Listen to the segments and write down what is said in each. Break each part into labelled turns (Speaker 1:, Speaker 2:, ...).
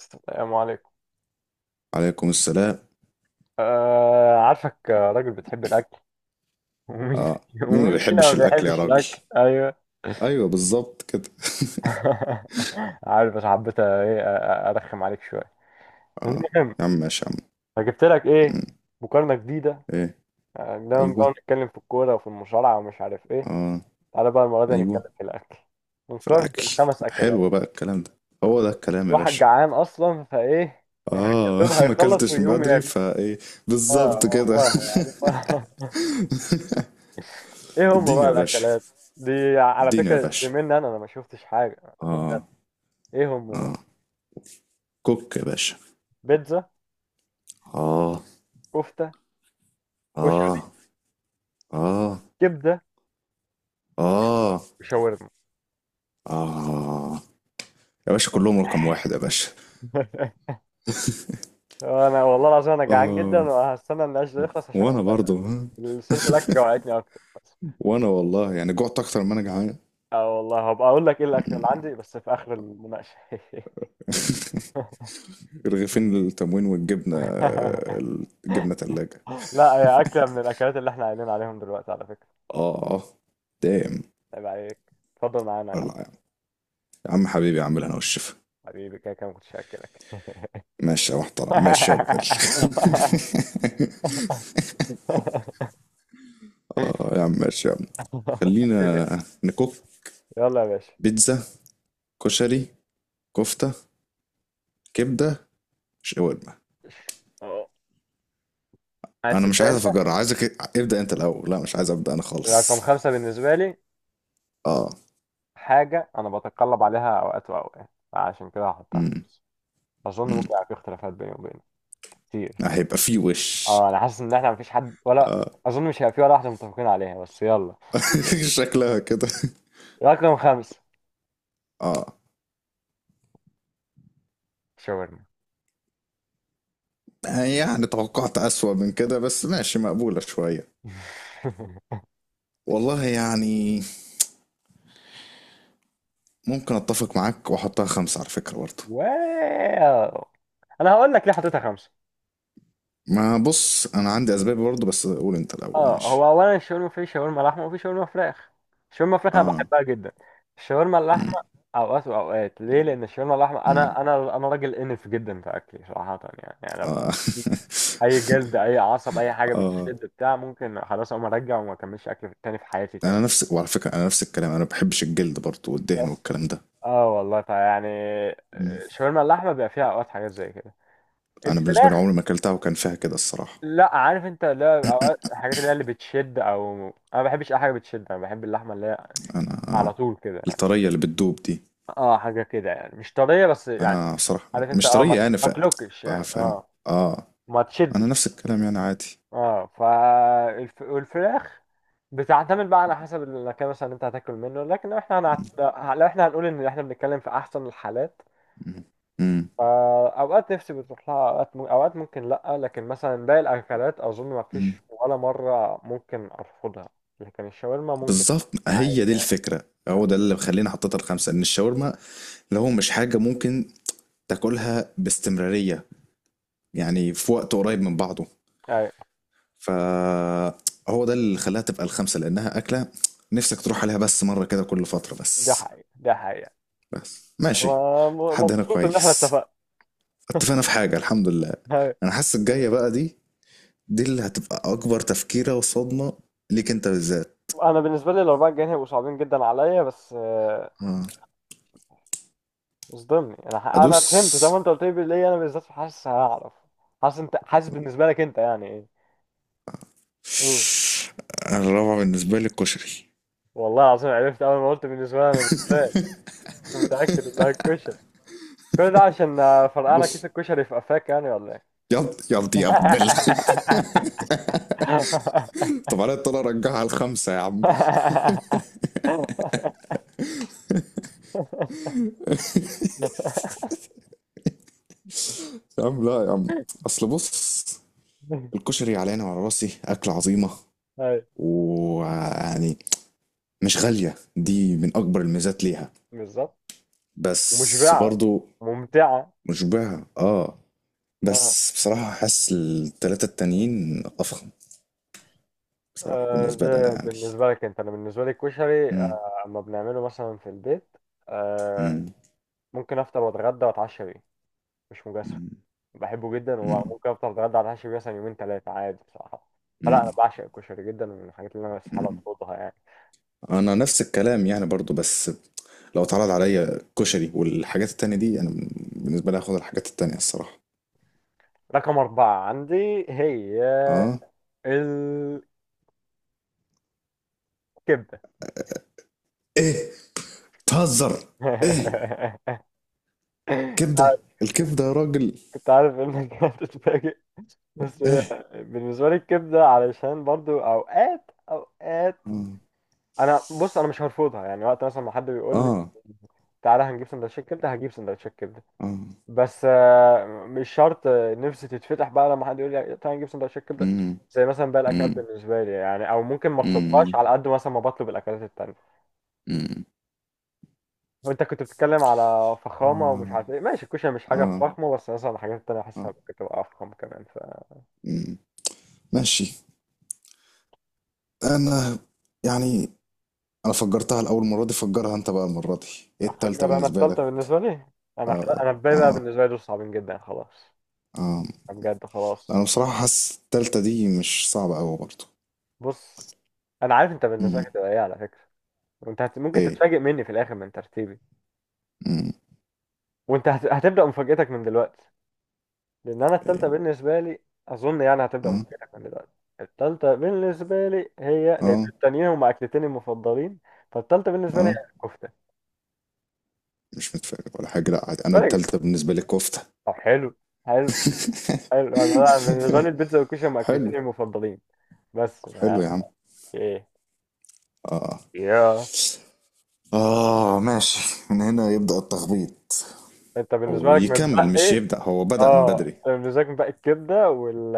Speaker 1: السلام عليكم.
Speaker 2: عليكم السلام.
Speaker 1: عارفك، راجل بتحب الأكل. ومين
Speaker 2: اه، مين ما
Speaker 1: ومين فينا
Speaker 2: بيحبش
Speaker 1: ما
Speaker 2: الاكل يا
Speaker 1: بيحبش
Speaker 2: راجل؟
Speaker 1: الأكل؟ أيوه.
Speaker 2: ايوه، بالظبط كده.
Speaker 1: عارف، بس حبيت إيه أرخم عليك شوية.
Speaker 2: اه،
Speaker 1: المهم،
Speaker 2: يا عم ماشي يا عم.
Speaker 1: فجبت لك إيه؟
Speaker 2: مم.
Speaker 1: مقارنة جديدة.
Speaker 2: ايه؟
Speaker 1: دايما بقى
Speaker 2: ايوه.
Speaker 1: نتكلم في الكورة وفي المصارعة ومش عارف إيه.
Speaker 2: اه.
Speaker 1: تعالى بقى المرة دي نتكلم
Speaker 2: ايوه،
Speaker 1: في الأكل
Speaker 2: في
Speaker 1: ونقارن
Speaker 2: الاكل.
Speaker 1: بين خمس أكلات.
Speaker 2: حلو بقى الكلام ده. هو ده الكلام يا
Speaker 1: واحد
Speaker 2: باشا.
Speaker 1: جعان أصلا فإيه يعني، يا
Speaker 2: اه.
Speaker 1: دوب
Speaker 2: ما
Speaker 1: هيخلص
Speaker 2: اكلتش من
Speaker 1: ويقوم
Speaker 2: بدري
Speaker 1: ياكل.
Speaker 2: فايه.
Speaker 1: آه
Speaker 2: بالظبط كده.
Speaker 1: والله يعني. ايه هم
Speaker 2: اديني
Speaker 1: بقى
Speaker 2: يا باشا.
Speaker 1: الاكلات دي؟ على
Speaker 2: اديني يا
Speaker 1: فكره دي
Speaker 2: باشا.
Speaker 1: مني، انا ما شفتش حاجه.
Speaker 2: اه.
Speaker 1: ايه هم بقى؟
Speaker 2: اه. كوك يا باشا.
Speaker 1: بيتزا،
Speaker 2: اه.
Speaker 1: كفته، كشري،
Speaker 2: اه. اه.
Speaker 1: كبده،
Speaker 2: اه.
Speaker 1: وشاورما.
Speaker 2: اه، يا باشا كلهم رقم واحد يا باشا.
Speaker 1: انا والله العظيم انا جعان جدا،
Speaker 2: اه.
Speaker 1: وهستنى النقاش ده يخلص عشان اقوم.
Speaker 2: وانا برضو، ها؟
Speaker 1: صورة الاكل جوعتني اكتر بس.
Speaker 2: وانا والله يعني جعت اكتر ما انا جعان.
Speaker 1: اه والله هبقى اقول لك ايه الاكل اللي عندي بس في اخر المناقشه.
Speaker 2: رغيفين التموين والجبنه. الجبنه تلاجة.
Speaker 1: لا هي اكله من الاكلات اللي احنا قايلين عليهم دلوقتي على فكره.
Speaker 2: اه. دام.
Speaker 1: عيب عليك، اتفضل معانا يا عم.
Speaker 2: والله يا عم، يا عم حبيبي اعمل انا والشفا.
Speaker 1: حبيبي كده كده ما كنتش هاكلك.
Speaker 2: ماشي يا محترم، ماشي يا ابن ال-. اه، يا عم ماشي يا عم.
Speaker 1: حبيبي
Speaker 2: خلينا
Speaker 1: يعني.
Speaker 2: نكوك.
Speaker 1: يلا يا باشا.
Speaker 2: بيتزا. كشري. كفته. كبده. شاورما.
Speaker 1: اه، عايز
Speaker 2: انا مش
Speaker 1: تبدا
Speaker 2: عايز
Speaker 1: انت؟
Speaker 2: افجر، عايزك ابدا انت الاول. لا مش عايز ابدا انا
Speaker 1: رقم
Speaker 2: خالص.
Speaker 1: خمسة بالنسبة لي
Speaker 2: اه.
Speaker 1: حاجة أنا بتقلب عليها أوقات وأوقات، فعشان كده هحطها
Speaker 2: امم
Speaker 1: خمسة. أظن ممكن يبقى في اختلافات بيني وبينك كتير.
Speaker 2: هيبقى فيه وش؟
Speaker 1: أه، أنا حاسس إن إحنا مفيش حد ولا.
Speaker 2: اه.
Speaker 1: أظن مش هيبقى في ولا واحدة متفقين عليها، بس يلا.
Speaker 2: شكلها كده.
Speaker 1: رقم خمسة
Speaker 2: اه،
Speaker 1: شاورما.
Speaker 2: يعني توقعت أسوأ من كده بس ماشي، مقبولة شوية. والله يعني ممكن أتفق معاك وأحطها خمسة على فكرة برضه.
Speaker 1: واو. أنا هقول لك ليه حطيتها خمسة.
Speaker 2: ما بص، أنا عندي أسباب برضه بس قول أنت الأول
Speaker 1: اه،
Speaker 2: ماشي.
Speaker 1: هو اولا الشاورما في شاورما لحمه وفي شاورما فراخ. الشاورما فراخ انا
Speaker 2: اه.
Speaker 1: بحبها جدا. الشاورما اللحمه
Speaker 2: مم.
Speaker 1: اوقات واوقات. ليه؟ لان الشاورما اللحمه
Speaker 2: مم.
Speaker 1: انا راجل انف جدا في اكلي صراحه، يعني لو في
Speaker 2: اه.
Speaker 1: اي جلد، اي عصب، اي حاجه
Speaker 2: اه،
Speaker 1: بتشد بتاع، ممكن خلاص اقوم ارجع وما اكملش اكل تاني في حياتي
Speaker 2: أنا
Speaker 1: تاني.
Speaker 2: نفس، وعلى فكرة أنا نفس الكلام، أنا ما بحبش الجلد برضه والدهن
Speaker 1: بس
Speaker 2: والكلام ده.
Speaker 1: اه والله فيعني
Speaker 2: مم.
Speaker 1: شاورما اللحمه بيبقى فيها اوقات حاجات زي كده.
Speaker 2: أنا بالنسبة لي
Speaker 1: الفراخ،
Speaker 2: عمري ما أكلتها وكان فيها كده الصراحة.
Speaker 1: لا عارف انت، لا اوقات الحاجات اللي هي اللي بتشد او، انا ما بحبش اي حاجه بتشد. انا بحب اللحمه اللي هي
Speaker 2: أنا
Speaker 1: على طول كده يعني.
Speaker 2: الطرية اللي بتدوب دي.
Speaker 1: اه حاجه كده يعني، مش طريه بس يعني.
Speaker 2: انا بصراحة
Speaker 1: عارف انت،
Speaker 2: مش
Speaker 1: اه، ما
Speaker 2: طريقي انا
Speaker 1: ما
Speaker 2: ف.
Speaker 1: تلوكش
Speaker 2: بقى
Speaker 1: يعني،
Speaker 2: فاهم.
Speaker 1: اه
Speaker 2: اه.
Speaker 1: ما
Speaker 2: انا نفس
Speaker 1: تشدش.
Speaker 2: الكلام يعني عادي.
Speaker 1: اه والفراخ بتعتمد بقى على حسب المكان مثلا اللي انت هتاكل منه. لكن لو احنا
Speaker 2: مم.
Speaker 1: لو احنا هنقول ان احنا بنتكلم في احسن الحالات،
Speaker 2: مم. مم.
Speaker 1: فاوقات نفسي بتروح لها، اوقات اوقات ممكن لا. لكن مثلا باقي الاكلات اظن ما
Speaker 2: مم.
Speaker 1: فيش ولا مره ممكن ارفضها، لكن الشاورما ممكن.
Speaker 2: بالظبط،
Speaker 1: عادي
Speaker 2: هي دي
Speaker 1: يعني.
Speaker 2: الفكرة،
Speaker 1: آه،
Speaker 2: هو ده اللي مخليني حطيتها الخمسة، ان الشاورما لو مش حاجة ممكن تاكلها باستمرارية، يعني في وقت قريب من بعضه،
Speaker 1: ايوه،
Speaker 2: فهو ده اللي خلاها تبقى الخمسة لانها اكلة نفسك تروح عليها بس مرة كده كل فترة
Speaker 1: ده
Speaker 2: بس.
Speaker 1: حقيقي ده حقيقي.
Speaker 2: بس ماشي.
Speaker 1: أنا
Speaker 2: لحد هنا
Speaker 1: مبسوط ان احنا
Speaker 2: كويس.
Speaker 1: اتفقنا.
Speaker 2: اتفقنا في حاجة، الحمد لله. انا حاسس الجاية بقى دي، دي اللي هتبقى اكبر تفكيرة وصدمة ليك انت بالذات.
Speaker 1: انا بالنسبه لي الاربعه الجايين هيبقوا صعبين جدا عليا، بس
Speaker 2: آه.
Speaker 1: مش ضمني. انا
Speaker 2: ادوس.
Speaker 1: فهمت. طب انت قلت لي ليه انا بالذات؟ حاسس هعرف، حاسس انت، حاسس بالنسبه لك انت يعني ايه؟ قول.
Speaker 2: الرابعة بالنسبة لي الكشري.
Speaker 1: والله العظيم عرفت اول ما قلت بالنسبه لي انا بالذات، كنت متاكد انها الكشري. كل ده عشان فرقعنا كيس
Speaker 2: بص.
Speaker 1: الكشري في قفاك يعني ولا ايه؟
Speaker 2: يض يض يا ابدل. طب انا اضطر ارجعها على الخمسة يا عم. يا عم لا يا عم. اصل بص. الكشري علينا وعلى راسي اكلة عظيمة.
Speaker 1: أيوة.
Speaker 2: ويعني مش غالية، دي من اكبر الميزات ليها.
Speaker 1: بالظبط،
Speaker 2: بس
Speaker 1: مشبعه،
Speaker 2: برضو
Speaker 1: ممتعه.
Speaker 2: مشبعة. اه. بس بصراحة حاسس التلاتة التانيين افخم بصراحة، بالنسبة لي
Speaker 1: ده
Speaker 2: انا يعني.
Speaker 1: بالنسبة لك انت. انا بالنسبة لي الكشري،
Speaker 2: إمم.
Speaker 1: اما بنعمله مثلا في البيت، آه،
Speaker 2: إمم.
Speaker 1: ممكن افطر واتغدى واتعشى بيه، مش مجازفة.
Speaker 2: إمم.
Speaker 1: بحبه جدا،
Speaker 2: إمم.
Speaker 1: وممكن افطر اتغدى واتعشى بيه مثلا يومين ثلاثة عادي بصراحة. فلا انا
Speaker 2: إمم.
Speaker 1: بعشق الكشري جدا، ومن الحاجات اللي انا استحالة
Speaker 2: إمم.
Speaker 1: اطردها يعني.
Speaker 2: أنا نفس الكلام يعني برضه، بس لو اتعرض عليّا كشري والحاجات التانية دي، أنا ب، بالنسبة لي هاخد الحاجات التانية الصراحة.
Speaker 1: رقم أربعة عندي هي
Speaker 2: آه.
Speaker 1: الكبدة.
Speaker 2: إيه! بتهزر! إيه! كبدة! الكبدة يا راجل!
Speaker 1: كنت عارف انك هتتفاجئ. بس هي
Speaker 2: إيه!
Speaker 1: بالنسبة لي الكبدة علشان برضو اوقات اوقات.
Speaker 2: آه.
Speaker 1: انا بص انا مش هرفضها يعني، وقت مثلا ما حد بيقول لي
Speaker 2: آه.
Speaker 1: تعالى هنجيب سندوتشات كبده، هجيب سندوتشات كبده.
Speaker 2: آه.
Speaker 1: بس مش شرط نفسي تتفتح بقى لما حد يقول لي تعالى نجيب سندوتشات كبده
Speaker 2: إمم.
Speaker 1: زي مثلا بقى الاكلات
Speaker 2: إمم.
Speaker 1: بالنسبه لي يعني، او ممكن ما اطلبهاش
Speaker 2: إمم.
Speaker 1: على قد مثلا ما بطلب الاكلات التانيه.
Speaker 2: إمم.
Speaker 1: وانت كنت بتتكلم على فخامه ومش
Speaker 2: آه.
Speaker 1: عارف ايه، ماشي الكشري مش حاجه
Speaker 2: آه.
Speaker 1: فخمه، بس مثلا الحاجات التانيه
Speaker 2: آه.
Speaker 1: حاسسها ممكن تبقى افخم كمان، ف
Speaker 2: إمم. ماشي. أنا. يعني. انا فجرتها الاول مره دي، فجرها انت بقى المره دي. ايه التالتة
Speaker 1: افكر انا
Speaker 2: بالنسبه
Speaker 1: التالته
Speaker 2: لك؟
Speaker 1: بالنسبه لي. انا
Speaker 2: اه.
Speaker 1: انا الباقي بقى
Speaker 2: اه.
Speaker 1: بالنسبه لي دول صعبين جدا خلاص،
Speaker 2: اه.
Speaker 1: بجد
Speaker 2: انا
Speaker 1: خلاص.
Speaker 2: بصراحه حاسس التالتة دي مش صعبه قوي برضه.
Speaker 1: بص، انا عارف انت بالنسبه
Speaker 2: امم.
Speaker 1: لك هتبقى ايه على فكره. ممكن
Speaker 2: ايه.
Speaker 1: تتفاجئ مني في الاخر من ترتيبي.
Speaker 2: امم.
Speaker 1: هتبدا مفاجاتك من دلوقتي، لان انا التالتة
Speaker 2: ايه.
Speaker 1: بالنسبه لي، اظن يعني هتبدا
Speaker 2: اه.
Speaker 1: مفاجاتك من دلوقتي. التالتة بالنسبه لي هي، لان
Speaker 2: اه.
Speaker 1: التانيين هما اكلتين المفضلين، فالتالتة بالنسبه لي هي
Speaker 2: اه.
Speaker 1: الكفته.
Speaker 2: مش متفاجئ ولا حاجه، لا عادي، انا
Speaker 1: فاجئ.
Speaker 2: التالتة بالنسبه لي كفته.
Speaker 1: طب حلو، حلو، حلو. انا، أنا بالنسبه لي البيتزا والكشري هما
Speaker 2: حلو.
Speaker 1: اكلتين المفضلين، بس ما...
Speaker 2: حلو يا عم.
Speaker 1: ايه
Speaker 2: اه.
Speaker 1: يا.
Speaker 2: اه. ماشي، من هنا يبدأ التخبيط
Speaker 1: انت بالنسبه لك
Speaker 2: ويكمل، مش
Speaker 1: متبقي
Speaker 2: يبدأ، هو بدأ من
Speaker 1: اه
Speaker 2: بدري.
Speaker 1: مزاج بقى الكبده وال،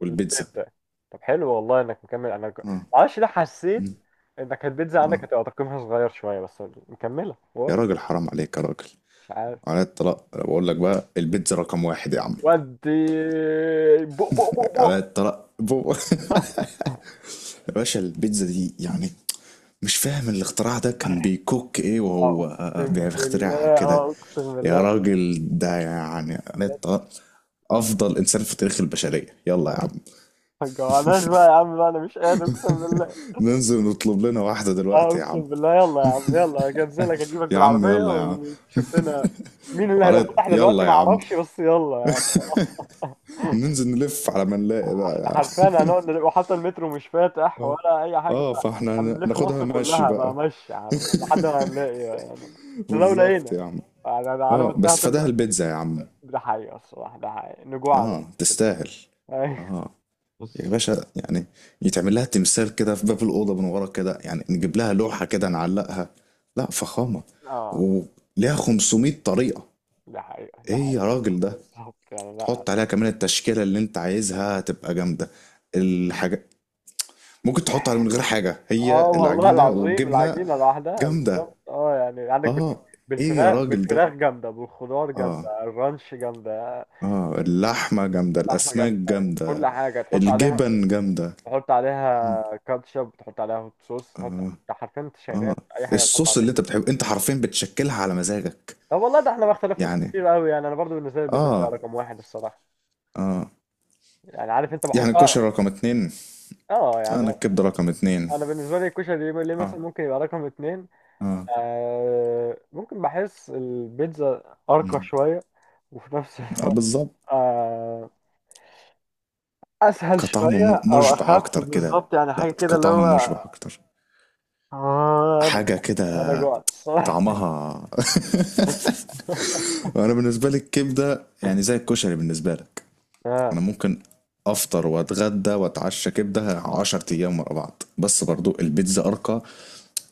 Speaker 2: والبيتزا.
Speaker 1: طب حلو، والله انك مكمل، انا
Speaker 2: اه.
Speaker 1: معرفش ليه حسيت
Speaker 2: مم.
Speaker 1: انك البيتزا
Speaker 2: اه.
Speaker 1: عندك هتبقى تقييمها صغير شويه، بس مكمله،
Speaker 2: يا
Speaker 1: واو.
Speaker 2: راجل حرام عليك يا راجل.
Speaker 1: مش عارف.
Speaker 2: على الطلاق بقول لك بقى، البيتزا رقم واحد يا عم.
Speaker 1: ودي، بق بق بق
Speaker 2: على
Speaker 1: بق
Speaker 2: الطلاق بو-. يا باشا البيتزا دي يعني، مش فاهم الاختراع ده كان بيكوك ايه وهو
Speaker 1: اقسم بالله،
Speaker 2: بيخترعها
Speaker 1: اه
Speaker 2: كده.
Speaker 1: اقسم
Speaker 2: يا
Speaker 1: بالله.
Speaker 2: راجل ده يعني على
Speaker 1: بس
Speaker 2: الطلاق افضل انسان في تاريخ البشرية. يلا يا عم
Speaker 1: ما تجوعناش بقى يا عم بقى، انا مش قادر اقسم بالله.
Speaker 2: ننزل نطلب لنا واحدة
Speaker 1: اه
Speaker 2: دلوقتي يا عم.
Speaker 1: اقسم بالله، يلا يا عم، يلا هنزلك اجيبك
Speaker 2: يا عم
Speaker 1: بالعربيه
Speaker 2: يلا يا عم.
Speaker 1: ونشوف لنا. مين اللي هيبقى
Speaker 2: وعلى
Speaker 1: فاتح دلوقتي
Speaker 2: يلا يا
Speaker 1: ما
Speaker 2: عم.
Speaker 1: اعرفش، بس يلا يعني.
Speaker 2: ننزل نلف على ما نلاقي بقى يا
Speaker 1: حرفيا
Speaker 2: عم.
Speaker 1: هنقعد وحتى المترو مش فاتح
Speaker 2: اه.
Speaker 1: ولا اي حاجه.
Speaker 2: اه، فاحنا هن-
Speaker 1: هنلف
Speaker 2: ناخدها
Speaker 1: مصر
Speaker 2: ماشي
Speaker 1: كلها بقى،
Speaker 2: بقى.
Speaker 1: ماشي عارف لحد ما هنلاقي يعني، ده لو
Speaker 2: بالظبط
Speaker 1: لقينا
Speaker 2: يا عم.
Speaker 1: يعني. أنا على ما
Speaker 2: اه
Speaker 1: انتهى
Speaker 2: بس فداها
Speaker 1: تبدا.
Speaker 2: البيتزا يا عم.
Speaker 1: ده حقيقه الصراحه، ده حقيقه نجوع على
Speaker 2: اه
Speaker 1: الشعب.
Speaker 2: تستاهل.
Speaker 1: أي.
Speaker 2: اه. يا
Speaker 1: بص.
Speaker 2: باشا يعني، يتعمل لها تمثال كده في باب الأوضة من ورا كده، يعني نجيب لها لوحة كده نعلقها. لا فخامة.
Speaker 1: اه
Speaker 2: وليها 500 طريقة.
Speaker 1: ده حقيقه ده
Speaker 2: ايه يا
Speaker 1: حقيقه.
Speaker 2: راجل ده.
Speaker 1: بالظبط يعني، لا
Speaker 2: تحط عليها كمان التشكيلة اللي انت عايزها تبقى جامدة. الحاجة ممكن تحط عليها من غير حاجة،
Speaker 1: اه
Speaker 2: هي
Speaker 1: والله
Speaker 2: العجينة
Speaker 1: العظيم
Speaker 2: والجبنة
Speaker 1: العجينة لوحدها
Speaker 2: جامدة.
Speaker 1: بالظبط، اه يعني عندك
Speaker 2: اه. ايه يا
Speaker 1: بالفراخ،
Speaker 2: راجل
Speaker 1: بالفراخ
Speaker 2: ده.
Speaker 1: جامدة، بالخضار
Speaker 2: اه.
Speaker 1: جامدة، الرانش جامدة،
Speaker 2: اه، اللحمة جامدة،
Speaker 1: اللحمة
Speaker 2: الأسماك
Speaker 1: جامدة، كل
Speaker 2: جامدة،
Speaker 1: حاجة تحط عليها.
Speaker 2: الجبن جامدة.
Speaker 1: تحط
Speaker 2: مم.
Speaker 1: عليها كاتشب، تحط عليها هوت صوص، تحط
Speaker 2: اه.
Speaker 1: انت حرفيا، انت
Speaker 2: اه.
Speaker 1: شغال أي حاجة تحط
Speaker 2: الصوص اللي
Speaker 1: عليها.
Speaker 2: انت بتحبه، انت حرفيا بتشكلها على مزاجك.
Speaker 1: طب والله ده احنا ما اختلفناش
Speaker 2: يعني.
Speaker 1: كتير قوي يعني، انا برضو بالنسبة لي البيتزا هي
Speaker 2: اه.
Speaker 1: رقم واحد الصراحة.
Speaker 2: اه.
Speaker 1: يعني عارف انت،
Speaker 2: يعني
Speaker 1: بحسها،
Speaker 2: الكشري رقم اتنين.
Speaker 1: اه
Speaker 2: انا
Speaker 1: يعني،
Speaker 2: الكبدة رقم اتنين.
Speaker 1: انا بالنسبة لي الكشري ليه مثلا
Speaker 2: اه.
Speaker 1: ممكن يبقى رقم اتنين؟
Speaker 2: اه.
Speaker 1: آه ممكن بحس البيتزا أرقى
Speaker 2: مم.
Speaker 1: شوية، وفي نفس
Speaker 2: اه
Speaker 1: الوقت،
Speaker 2: بالظبط.
Speaker 1: آه أسهل
Speaker 2: كطعم م-
Speaker 1: شوية أو
Speaker 2: مشبع
Speaker 1: أخف
Speaker 2: اكتر كده.
Speaker 1: بالظبط يعني،
Speaker 2: لا
Speaker 1: حاجة كده اللي
Speaker 2: كطعم
Speaker 1: هو،
Speaker 2: مشبع اكتر.
Speaker 1: آه. أنا،
Speaker 2: حاجة
Speaker 1: أنا
Speaker 2: كده.
Speaker 1: جوعت الصراحة.
Speaker 2: طعمها. انا بالنسبة لي الكبدة يعني زي الكشري بالنسبة لك. انا
Speaker 1: آه.
Speaker 2: ممكن افطر واتغدى واتعشى كبده 10 ايام ورا بعض، بس برضو البيتزا ارقى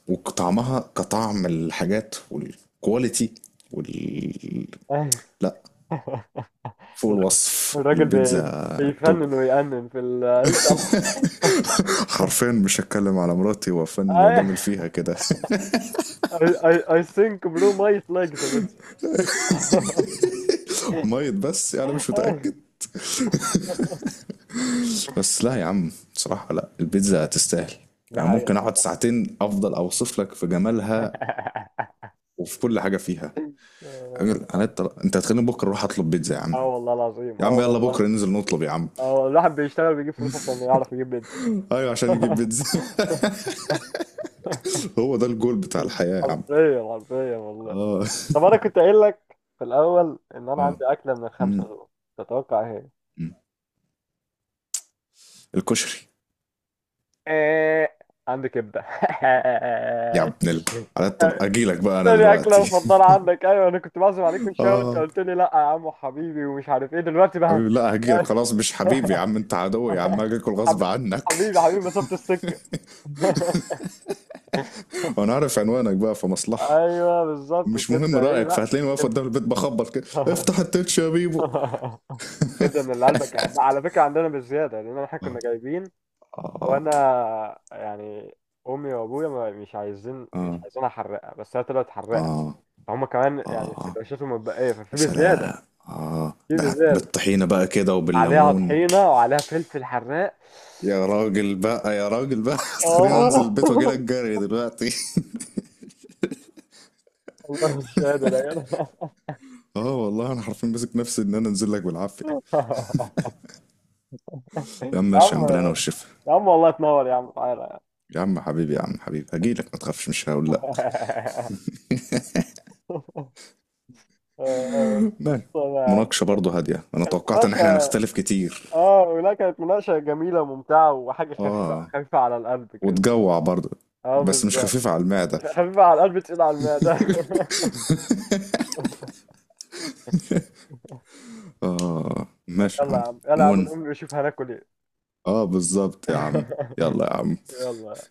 Speaker 2: وطعمها كطعم الحاجات والكواليتي وال-.
Speaker 1: أيوه.
Speaker 2: لا، فوق الوصف
Speaker 1: الراجل
Speaker 2: البيتزا توب.
Speaker 1: بيفنن ويأنن في العيش.
Speaker 2: حرفيا مش هتكلم على مراتي وفن
Speaker 1: أيوه.
Speaker 2: وجامل فيها كده.
Speaker 1: I, I, I think bro might like the pizza.
Speaker 2: ميت، بس انا يعني مش متاكد. بس لا يا عم بصراحه، لا البيتزا تستاهل.
Speaker 1: ده
Speaker 2: يعني
Speaker 1: حقيقة.
Speaker 2: ممكن اقعد
Speaker 1: الصراحة.
Speaker 2: ساعتين افضل اوصف لك في جمالها وفي كل حاجه فيها. أجل، انا انت هتخليني بكره اروح اطلب بيتزا يا عم.
Speaker 1: آه والله العظيم،
Speaker 2: يا
Speaker 1: اه
Speaker 2: عم يلا بكره
Speaker 1: والله.
Speaker 2: ننزل نطلب يا عم.
Speaker 1: اه الواحد بيشتغل بيجيب فلوس عشان يعرف يجيب بيتزا.
Speaker 2: ايوه، عشان نجيب بيتزا. هو ده الجول بتاع الحياه يا عم.
Speaker 1: حرفيا حرفيا والله.
Speaker 2: اه.
Speaker 1: طب انا كنت قايل لك في الاول ان انا عندي
Speaker 2: اه.
Speaker 1: اكله من
Speaker 2: مم.
Speaker 1: الخمسه دول، تتوقع ايه؟
Speaker 2: مم. الكشري.
Speaker 1: هي؟ عندي كبده.
Speaker 2: يا ابن ال. على الطن... اجيلك بقى انا
Speaker 1: تاني اكله
Speaker 2: دلوقتي.
Speaker 1: مفضله عندك؟ ايوه انا كنت بعزم عليك من شويه، وانت
Speaker 2: اه.
Speaker 1: قلت لي لا يا عم حبيبي ومش عارف ايه، دلوقتي بهز.
Speaker 2: حبيبي لا، هجيلك خلاص، مش حبيبي يا عم، انت عدوي يا عم، هاجي اكل غصب
Speaker 1: حبيبي،
Speaker 2: عنك.
Speaker 1: حبيبي، حبيبي، مسافه السكه.
Speaker 2: وانا عارف عنوانك بقى، في مصلحه
Speaker 1: ايوه بالظبط.
Speaker 2: مش مهم
Speaker 1: وكبده ايه
Speaker 2: رايك،
Speaker 1: لا،
Speaker 2: فهتلاقيني واقف قدام البيت بخبط كده،
Speaker 1: كبده.
Speaker 2: افتح التتش يا بيبو.
Speaker 1: كبده، من اللي قلبك يحبها على فكره، عندنا بالزياده لان احنا
Speaker 2: اه.
Speaker 1: كنا جايبين،
Speaker 2: اه.
Speaker 1: وانا يعني امي وابويا مش عايزين مش
Speaker 2: اه.
Speaker 1: عايزين احرقها، بس هي طلعت حراقه.
Speaker 2: اه.
Speaker 1: فهم كمان يعني
Speaker 2: اه.
Speaker 1: سندوتشاتهم متبقيه
Speaker 2: يا
Speaker 1: ففي بالزياده،
Speaker 2: سلام. اه،
Speaker 1: في
Speaker 2: ده
Speaker 1: بالزياده،
Speaker 2: بالطحينه بقى كده
Speaker 1: عليها
Speaker 2: وبالليمون.
Speaker 1: طحينه وعليها فلفل حراق.
Speaker 2: يا راجل بقى، يا راجل بقى، خليني
Speaker 1: اه.
Speaker 2: انزل البيت واجي لك جري دلوقتي.
Speaker 1: والله مش قادر يا جدع.
Speaker 2: اه والله انا حرفيا ماسك نفسي ان انا انزل لك بالعافيه. يا عم
Speaker 1: يا
Speaker 2: ماشي
Speaker 1: عم،
Speaker 2: يا عم، بالهنا والشفا.
Speaker 1: يا عم والله تنور يا عم، تعالى يا
Speaker 2: يا عم حبيبي، يا عم حبيبي، هجي لك ما تخافش مش هقول لا.
Speaker 1: عم.
Speaker 2: ماشي.
Speaker 1: مصطفى يا عم.
Speaker 2: مناقشه برضه هاديه، انا توقعت ان
Speaker 1: ماشي.
Speaker 2: احنا هنختلف كتير.
Speaker 1: اه لا، كانت مناقشة جميلة وممتعة، وحاجة خفيفة
Speaker 2: اه.
Speaker 1: خفيفة على القلب كده.
Speaker 2: وتجوع برضه
Speaker 1: اه
Speaker 2: بس مش
Speaker 1: بالظبط.
Speaker 2: خفيفه على المعده.
Speaker 1: خفيفة على القلب، تقيلة على المعدة.
Speaker 2: اه ماشي يا
Speaker 1: يلا يا
Speaker 2: عم.
Speaker 1: عم، يلا يا عم،
Speaker 2: ون.
Speaker 1: نقوم نشوف هناكل ايه.
Speaker 2: اه بالظبط يا عم. يلا يا عم.
Speaker 1: يلا.